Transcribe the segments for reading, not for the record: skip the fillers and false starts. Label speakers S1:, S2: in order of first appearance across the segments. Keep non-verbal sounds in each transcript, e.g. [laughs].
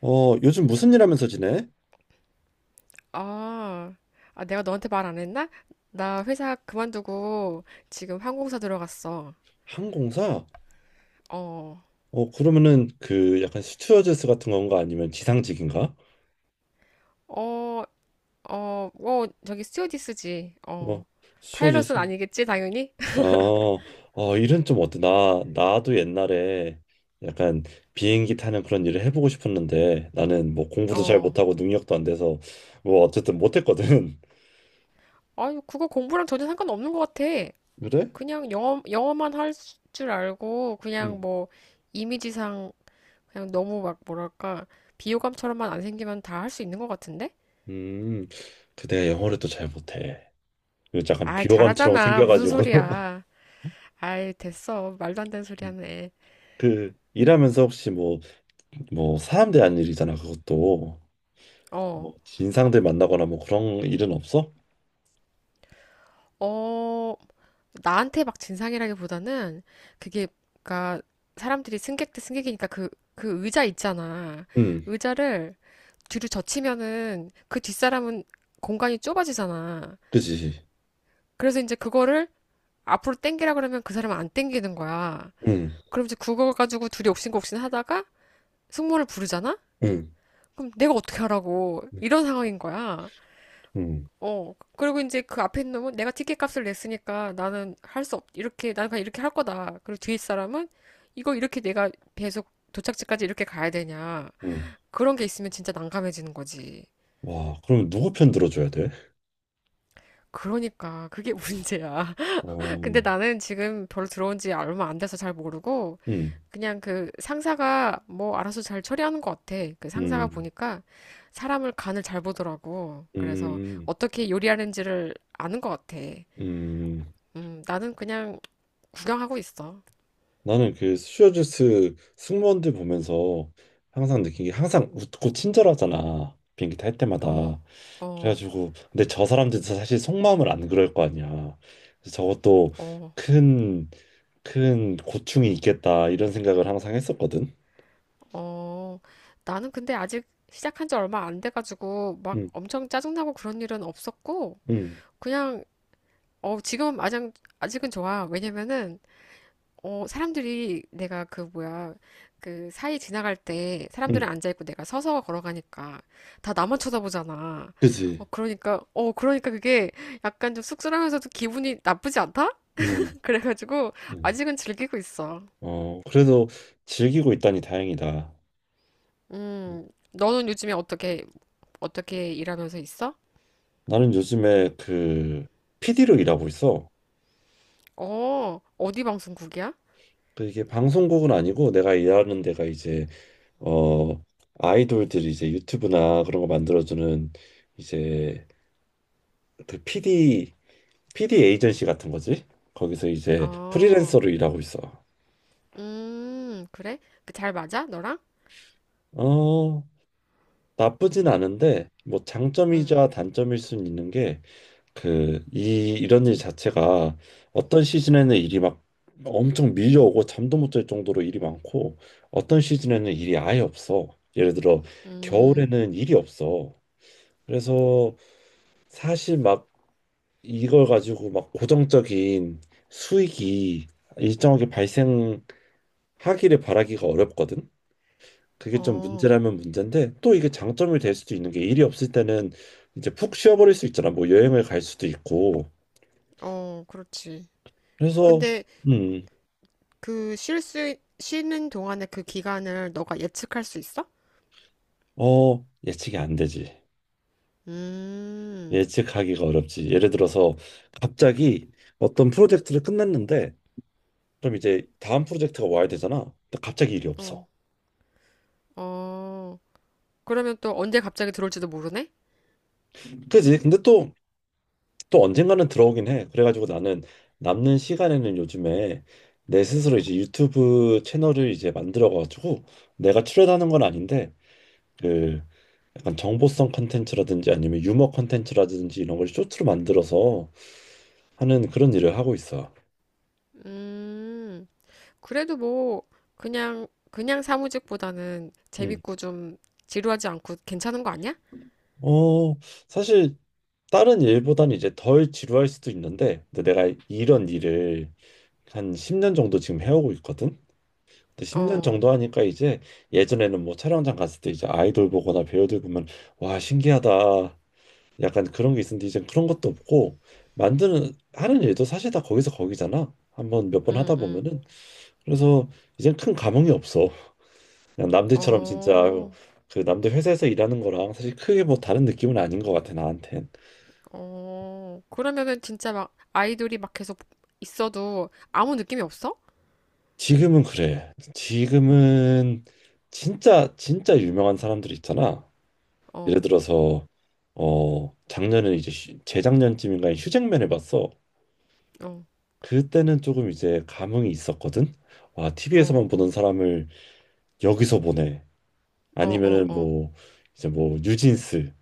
S1: 요즘 무슨 일 하면서 지내?
S2: 아, 아, 내가 너한테 말 안 했나? 나 회사 그만두고 지금 항공사 들어갔어.
S1: 항공사?
S2: 어,
S1: 그러면은 그 약간 스튜어디스 같은 건가 아니면 지상직인가?
S2: 어, 어, 어, 저기 스튜어디스지.
S1: 어,
S2: 어,
S1: 스튜어디스?
S2: 파일럿은 아니겠지, 당연히? [laughs]
S1: 어, 일은 좀 어때? 나도 옛날에 약간 비행기 타는 그런 일을 해보고 싶었는데 나는 뭐 공부도 잘
S2: 어,
S1: 못하고 능력도 안 돼서 뭐 어쨌든 못했거든. [laughs]
S2: 아유, 그거 공부랑 전혀 상관없는 것 같아.
S1: 그래?
S2: 그냥 영어만 할 줄 알고, 그냥
S1: 음.
S2: 뭐, 이미지상, 그냥 너무 막, 뭐랄까, 비호감처럼만 안 생기면 다 할 수 있는 것 같은데?
S1: 음. 그 내가 영어를 또 잘 못해. 그 약간
S2: 아,
S1: 비호감처럼
S2: 잘하잖아. 무슨
S1: 생겨가지고 [laughs]
S2: 소리야. 아이, 됐어. 말도 안 되는 소리 하네.
S1: 그 일하면서 혹시 뭐 사람 대한 일이잖아 그것도.
S2: 어,
S1: 뭐 진상들 만나거나 뭐 그런 일은 없어?
S2: 어, 나한테 막 진상이라기보다는 그게, 그니까 사람들이 승객 대 승객이니까 그, 그 의자 있잖아.
S1: 응.
S2: 의자를 뒤로 젖히면은 그 뒷사람은 공간이 좁아지잖아.
S1: 그지.
S2: 그래서 이제 그거를 앞으로 당기라 그러면 그 사람은 안 당기는 거야. 그럼 이제 그거 가지고 둘이 옥신각신 하다가 승무원을 부르잖아? 그럼 내가 어떻게 하라고. 이런 상황인 거야.
S1: 응응응응와.
S2: 어. 그리고 이제 그 앞에 있는 놈은 내가 티켓 값을 냈으니까 나는 이렇게, 나는 그냥 이렇게 할 거다. 그리고 뒤에 사람은 이거 이렇게 내가 계속 도착지까지 이렇게 가야 되냐. 그런 게 있으면 진짜 난감해지는 거지.
S1: 그럼 누구 편 들어줘야 돼?
S2: 그러니까 그게 [laughs] 문제야. 근데
S1: 어.
S2: 나는 지금 별로 들어온 지 얼마 안 돼서 잘 모르고
S1: 응,
S2: 그냥 그 상사가 뭐 알아서 잘 처리하는 것 같아. 그 상사가
S1: 응,
S2: 보니까 사람을 간을 잘 보더라고. 그래서
S1: 응,
S2: 어떻게 요리하는지를 아는 것 같아.
S1: 응.
S2: 나는 그냥 구경하고 있어.
S1: 나는 그 스튜어디스 승무원들 보면서 항상 느낀 게 항상 웃고 친절하잖아, 비행기 탈
S2: 어,
S1: 때마다.
S2: 어,
S1: 그래가지고 근데 저 사람들도 사실 속마음을 안 그럴 거 아니야. 그래서 저것도
S2: 어,
S1: 큰 큰 고충이 있겠다 이런 생각을 항상 했었거든.
S2: 어. 나는 근데 아직 시작한 지 얼마 안 돼가지고 막
S1: 응.
S2: 엄청 짜증나고 그런 일은 없었고,
S1: 응.
S2: 그냥, 어, 지금 아직, 아직은 좋아. 왜냐면은, 어, 사람들이 내가 그 뭐야, 그 사이 지나갈 때
S1: 응.
S2: 사람들은 앉아있고 내가 서서 걸어가니까 다 나만 쳐다보잖아. 어,
S1: 그지.
S2: 그러니까, 어, 그러니까 그게 약간 좀 쑥스러우면서도 기분이 나쁘지 않다?
S1: 응.
S2: [laughs] 그래가지고
S1: 응.
S2: 아직은 즐기고 있어.
S1: 어, 그래도 즐기고 있다니 다행이다.
S2: 너는 요즘에 어떻게 일하면서 있어?
S1: 나는 요즘에 그 PD로 일하고 있어.
S2: 어, 어디 방송국이야?
S1: 그 이게 방송국은 아니고 내가 일하는 데가 이제 어 아이돌들이 이제 유튜브나 그런 거 만들어주는, 이제 그 PD 에이전시 같은 거지. 거기서 이제
S2: 어,
S1: 프리랜서로 일하고 있어.
S2: 그래? 그 잘 맞아? 너랑?
S1: 어. 나쁘진 않은데 뭐
S2: 응.
S1: 장점이자 단점일 순 있는 게, 이런 일 자체가 어떤 시즌에는 일이 막 엄청 밀려오고 잠도 못 잘 정도로 일이 많고, 어떤 시즌에는 일이 아예 없어. 예를 들어
S2: 음.
S1: 겨울에는 일이 없어. 그래서 사실 막 이걸 가지고 막 고정적인 수익이 일정하게 발생하기를 바라기가 어렵거든. 그게 좀
S2: 어,
S1: 문제라면 문제인데, 또 이게 장점이 될 수도 있는 게 일이 없을 때는 이제 푹 쉬어버릴 수 있잖아. 뭐 여행을 갈 수도 있고.
S2: 어, 그렇지.
S1: 그래서.
S2: 근데
S1: 음.
S2: 그 쉬는 동안에 그 기간을 너가 예측할 수 있어?
S1: 어, 예측이 안 되지.
S2: 음,
S1: 예측하기가 어렵지. 예를 들어서 갑자기 어떤 프로젝트를 끝냈는데 그럼 이제 다음 프로젝트가 와야 되잖아. 근데 갑자기 일이
S2: 어,
S1: 없어.
S2: 어. 그러면 또 언제 갑자기 들어올지도 모르네?
S1: 그지? 근데 또 언젠가는 들어오긴 해. 그래가지고 나는 남는 시간에는 요즘에 내 스스로 이제 유튜브 채널을 이제 만들어가지고, 내가 출연하는 건 아닌데 그 약간 정보성 컨텐츠라든지 아니면 유머 컨텐츠라든지 이런 걸 쇼트로 만들어서 하는 그런 일을 하고 있어.
S2: 음. 그래도 뭐 그냥 사무직보다는
S1: 음.
S2: 재밌고 좀 지루하지 않고 괜찮은 거 아니야?
S1: 어, 사실 다른 일보다는 이제 덜 지루할 수도 있는데, 근데 내가 이런 일을 한 10년 정도 지금 해오고 있거든. 근데 10년
S2: 어,
S1: 정도 하니까 이제 예전에는 뭐 촬영장 갔을 때 이제 아이돌 보거나 배우들 보면 와 신기하다 약간 그런 게 있었는데, 이제 그런 것도 없고 만드는 하는 일도 사실 다 거기서 거기잖아, 한번 몇 번
S2: 응,
S1: 하다
S2: 응.
S1: 보면은. 그래서 이제 큰 감흥이 없어. 그냥 남들처럼 진짜
S2: 어,
S1: 그 남들 회사에서 일하는 거랑 사실 크게 뭐 다른 느낌은 아닌 것 같아 나한테.
S2: 어. 그러면은 진짜 막 아이돌이 막 계속 있어도 아무 느낌이 없어?
S1: 지금은 그래. 지금은 진짜 진짜 유명한 사람들이 있잖아. 예를
S2: 어,
S1: 들어서 작년에 이제 재작년쯤인가 휴잭맨을 봤어.
S2: 어,
S1: 그때는 조금 이제 감흥이 있었거든. 와,
S2: 어,
S1: TV에서만 보던
S2: 어,
S1: 사람을 여기서 보네.
S2: 어, 어,
S1: 아니면은
S2: 어,
S1: 뭐 이제 뭐 뉴진스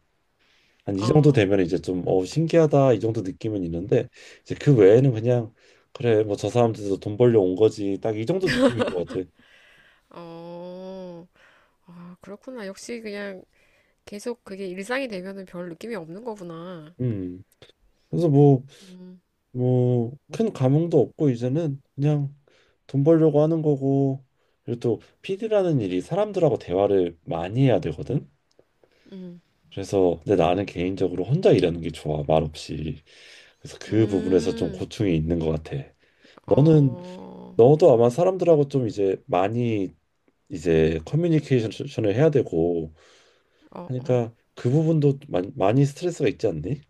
S1: 한 이 정도
S2: 어,
S1: 되면 이제 좀 신기하다 이 정도 느낌은 있는데, 이제 그 외에는 그냥 그래 뭐 저 사람들도 돈 벌려 온 거지 딱 이 정도 느낌인 것 같아.
S2: 어. 아, 그렇구나. 역시 그냥 계속 그게 일상이 되면은 별 느낌이 없는 거구나.
S1: 음. 그래서 뭐
S2: 음,
S1: 뭐 큰 감흥도 없고 이제는 그냥 돈 벌려고 하는 거고, 그리고 또 PD라는 일이 사람들하고 대화를 많이 해야 되거든.
S2: 음,
S1: 그래서 근데 나는 개인적으로 혼자 일하는 게 좋아, 말없이. 그래서 그 부분에서 좀
S2: 음.
S1: 고충이 있는 것 같아. 너는
S2: 어,
S1: 너도 아마 사람들하고 좀 이제 많이 이제 커뮤니케이션을 해야 되고
S2: 어, 어.
S1: 하니까, 그 부분도 많이, 많이 스트레스가 있지 않니?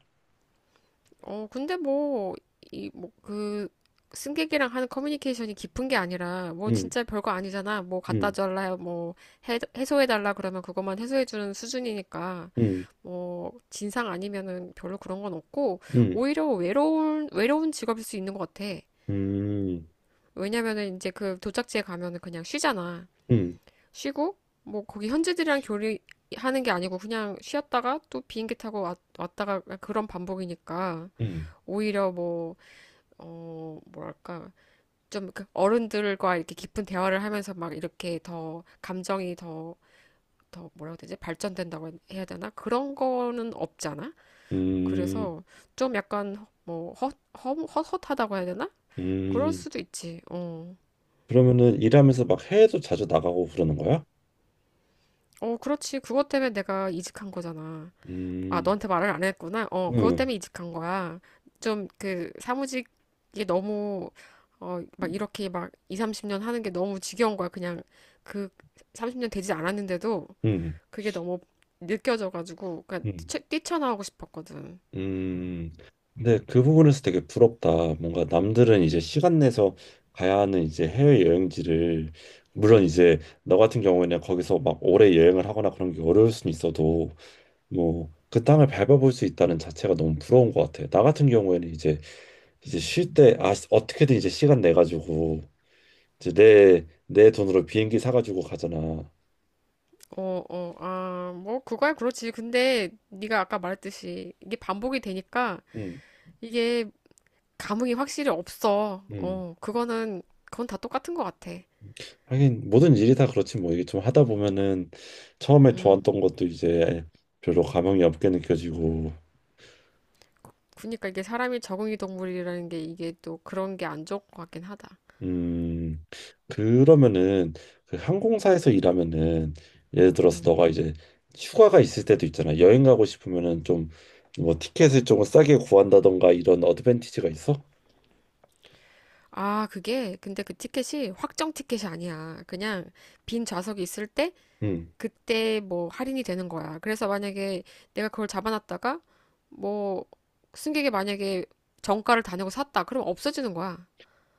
S2: 어, 근데 뭐, 이, 뭐, 그, 승객이랑 하는 커뮤니케이션이 깊은 게 아니라, 뭐,
S1: 음.
S2: 진짜 별거 아니잖아. 뭐, 갖다
S1: 음.
S2: 달라, 뭐, 해소해달라 그러면 그것만 해소해주는 수준이니까,
S1: 음.
S2: 뭐, 진상 아니면은 별로 그런 건 없고,
S1: 음.
S2: 오히려 외로운 직업일 수 있는 것 같아.
S1: 음.
S2: 왜냐면은 이제 그 도착지에 가면은 그냥 쉬잖아.
S1: 음.
S2: 쉬고, 뭐, 거기 현지들이랑 교류하는 게 아니고, 그냥 쉬었다가 또 비행기 타고 왔다가 그런 반복이니까,
S1: 음.
S2: 오히려 뭐, 어, 뭐랄까, 좀 그 어른들과 이렇게 깊은 대화를 하면서 막 이렇게 더 감정이 더 뭐라고 해야 되지? 발전된다고 해야 되나? 그런 거는 없잖아?
S1: 음.
S2: 그래서 좀 약간 뭐 헛헛하다고 해야 되나? 그럴
S1: 음.
S2: 수도 있지. 어.
S1: 그러면은 일하면서 막 해외도 자주 나가고 그러는 거야?
S2: 어, 그렇지. 그것 때문에 내가 이직한 거잖아. 아,
S1: 음.
S2: 너한테 말을 안 했구나. 어, 그것
S1: 음.
S2: 때문에 이직한 거야. 좀 그 사무직이 너무 어, 막 이렇게 막 2, 30년 하는 게 너무 지겨운 거야. 그냥 그 30년 되지 않았는데도
S1: 음.
S2: 그게 너무 느껴져 가지고 그러니까
S1: 음.
S2: 뛰쳐나오고 싶었거든.
S1: 음. 근데 그 부분에서 되게 부럽다. 뭔가 남들은 이제 시간 내서 가야 하는 이제 해외 여행지를, 물론 이제 너 같은 경우에는 거기서 막 오래 여행을 하거나 그런 게 어려울 수는 있어도 뭐 그 땅을 밟아볼 수 있다는 자체가 너무 부러운 것 같아. 나 같은 경우에는 이제 쉴 때 아 어떻게든 이제 시간 내 가지고 이제 내 돈으로 비행기 사가지고 가잖아.
S2: 어, 어, 아, 뭐 그거야 그렇지. 근데 네가 아까 말했듯이 이게 반복이 되니까
S1: 음.
S2: 이게 감흥이 확실히 없어.
S1: 음.
S2: 어, 그거는 그건 다 똑같은 것 같아.
S1: 하긴 모든 일이 다 그렇지 뭐, 이게 좀 하다 보면은 처음에
S2: 음.
S1: 좋았던 것도 이제 별로 감흥이 없게 느껴지고.
S2: 그니까 이게 사람이 적응이 동물이라는 게 이게 또 그런 게 안 좋을 것 같긴 하다.
S1: 음. 그러면은 그 항공사에서 일하면은 예를 들어서
S2: 음.
S1: 너가 이제 휴가가 있을 때도 있잖아, 여행 가고 싶으면은 좀 뭐 티켓을 조금 싸게 구한다던가 이런 어드밴티지가 있어?
S2: 아, 그게 근데 그 티켓이 확정 티켓이 아니야. 그냥 빈 좌석이 있을 때
S1: 음.
S2: 그때 뭐 할인이 되는 거야. 그래서 만약에 내가 그걸 잡아놨다가 뭐 승객이 만약에 정가를 다 내고 샀다. 그럼 없어지는 거야.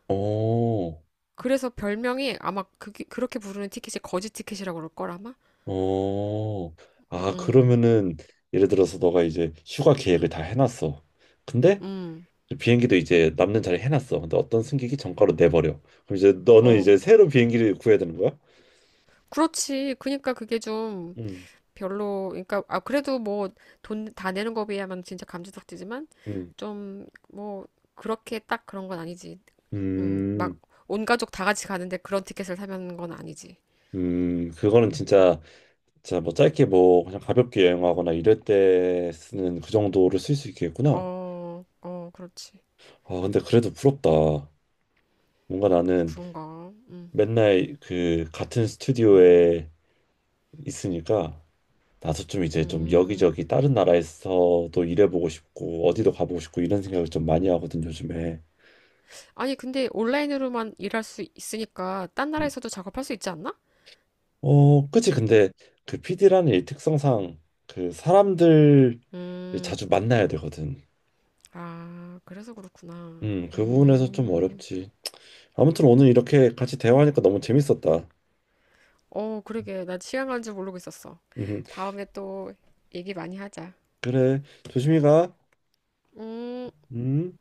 S1: 어,
S2: 그래서 별명이 아마 그 그렇게 부르는 티켓이 거지 티켓이라고 그럴 걸 아마.
S1: 어. 아,
S2: 음.
S1: 그러면은 예를 들어서 너가 이제 휴가 계획을 다 해놨어. 근데
S2: 음.
S1: 비행기도 이제 남는 자리 해놨어. 근데 어떤 승객이 정가로 내버려. 그럼 이제 너는
S2: 어.
S1: 이제 새로 비행기를 구해야 되는 거야?
S2: 그렇지. 그니까 그게 좀
S1: 음.
S2: 별로 그러니까 아 그래도 뭐 돈 다 내는 거 비하면 진짜 감지덕지지만
S1: 음.
S2: 좀 뭐 그렇게 딱 그런 건 아니지. 막
S1: 음.
S2: 온 가족 다 같이 가는데 그런 티켓을 사면 건 아니지.
S1: 음. 그거는 진짜, 진짜 뭐 짧게 뭐 그냥 가볍게 여행하거나 이럴 때 쓰는 그 정도를 쓸 수 있겠구나.
S2: 어, 어, 그렇지.
S1: 아, 근데 그래도 부럽다. 뭔가 나는
S2: 그런가.
S1: 맨날 그 같은 스튜디오에 있으니까 나도 좀 이제 좀
S2: 음.
S1: 여기저기 다른 나라에서도 일해보고 싶고 어디도 가보고 싶고 이런 생각을 좀 많이 하거든, 요즘에.
S2: 아니 근데 온라인으로만 일할 수 있으니까 딴
S1: 음.
S2: 나라에서도 작업할 수 있지 않나?
S1: 어, 그치. 근데 그 PD라는 일 특성상 그 사람들
S2: 음,
S1: 자주 만나야 되거든.
S2: 아, 그래서 그렇구나.
S1: 그 부분에서 좀 어렵지. 아무튼 오늘 이렇게 같이 대화하니까 너무 재밌었다.
S2: 어, 그러게. 난 시간 가는 줄 모르고 있었어.
S1: 음.
S2: 다음에 또 얘기 많이 하자.
S1: 그래. 조심히 가.
S2: 음.
S1: 음.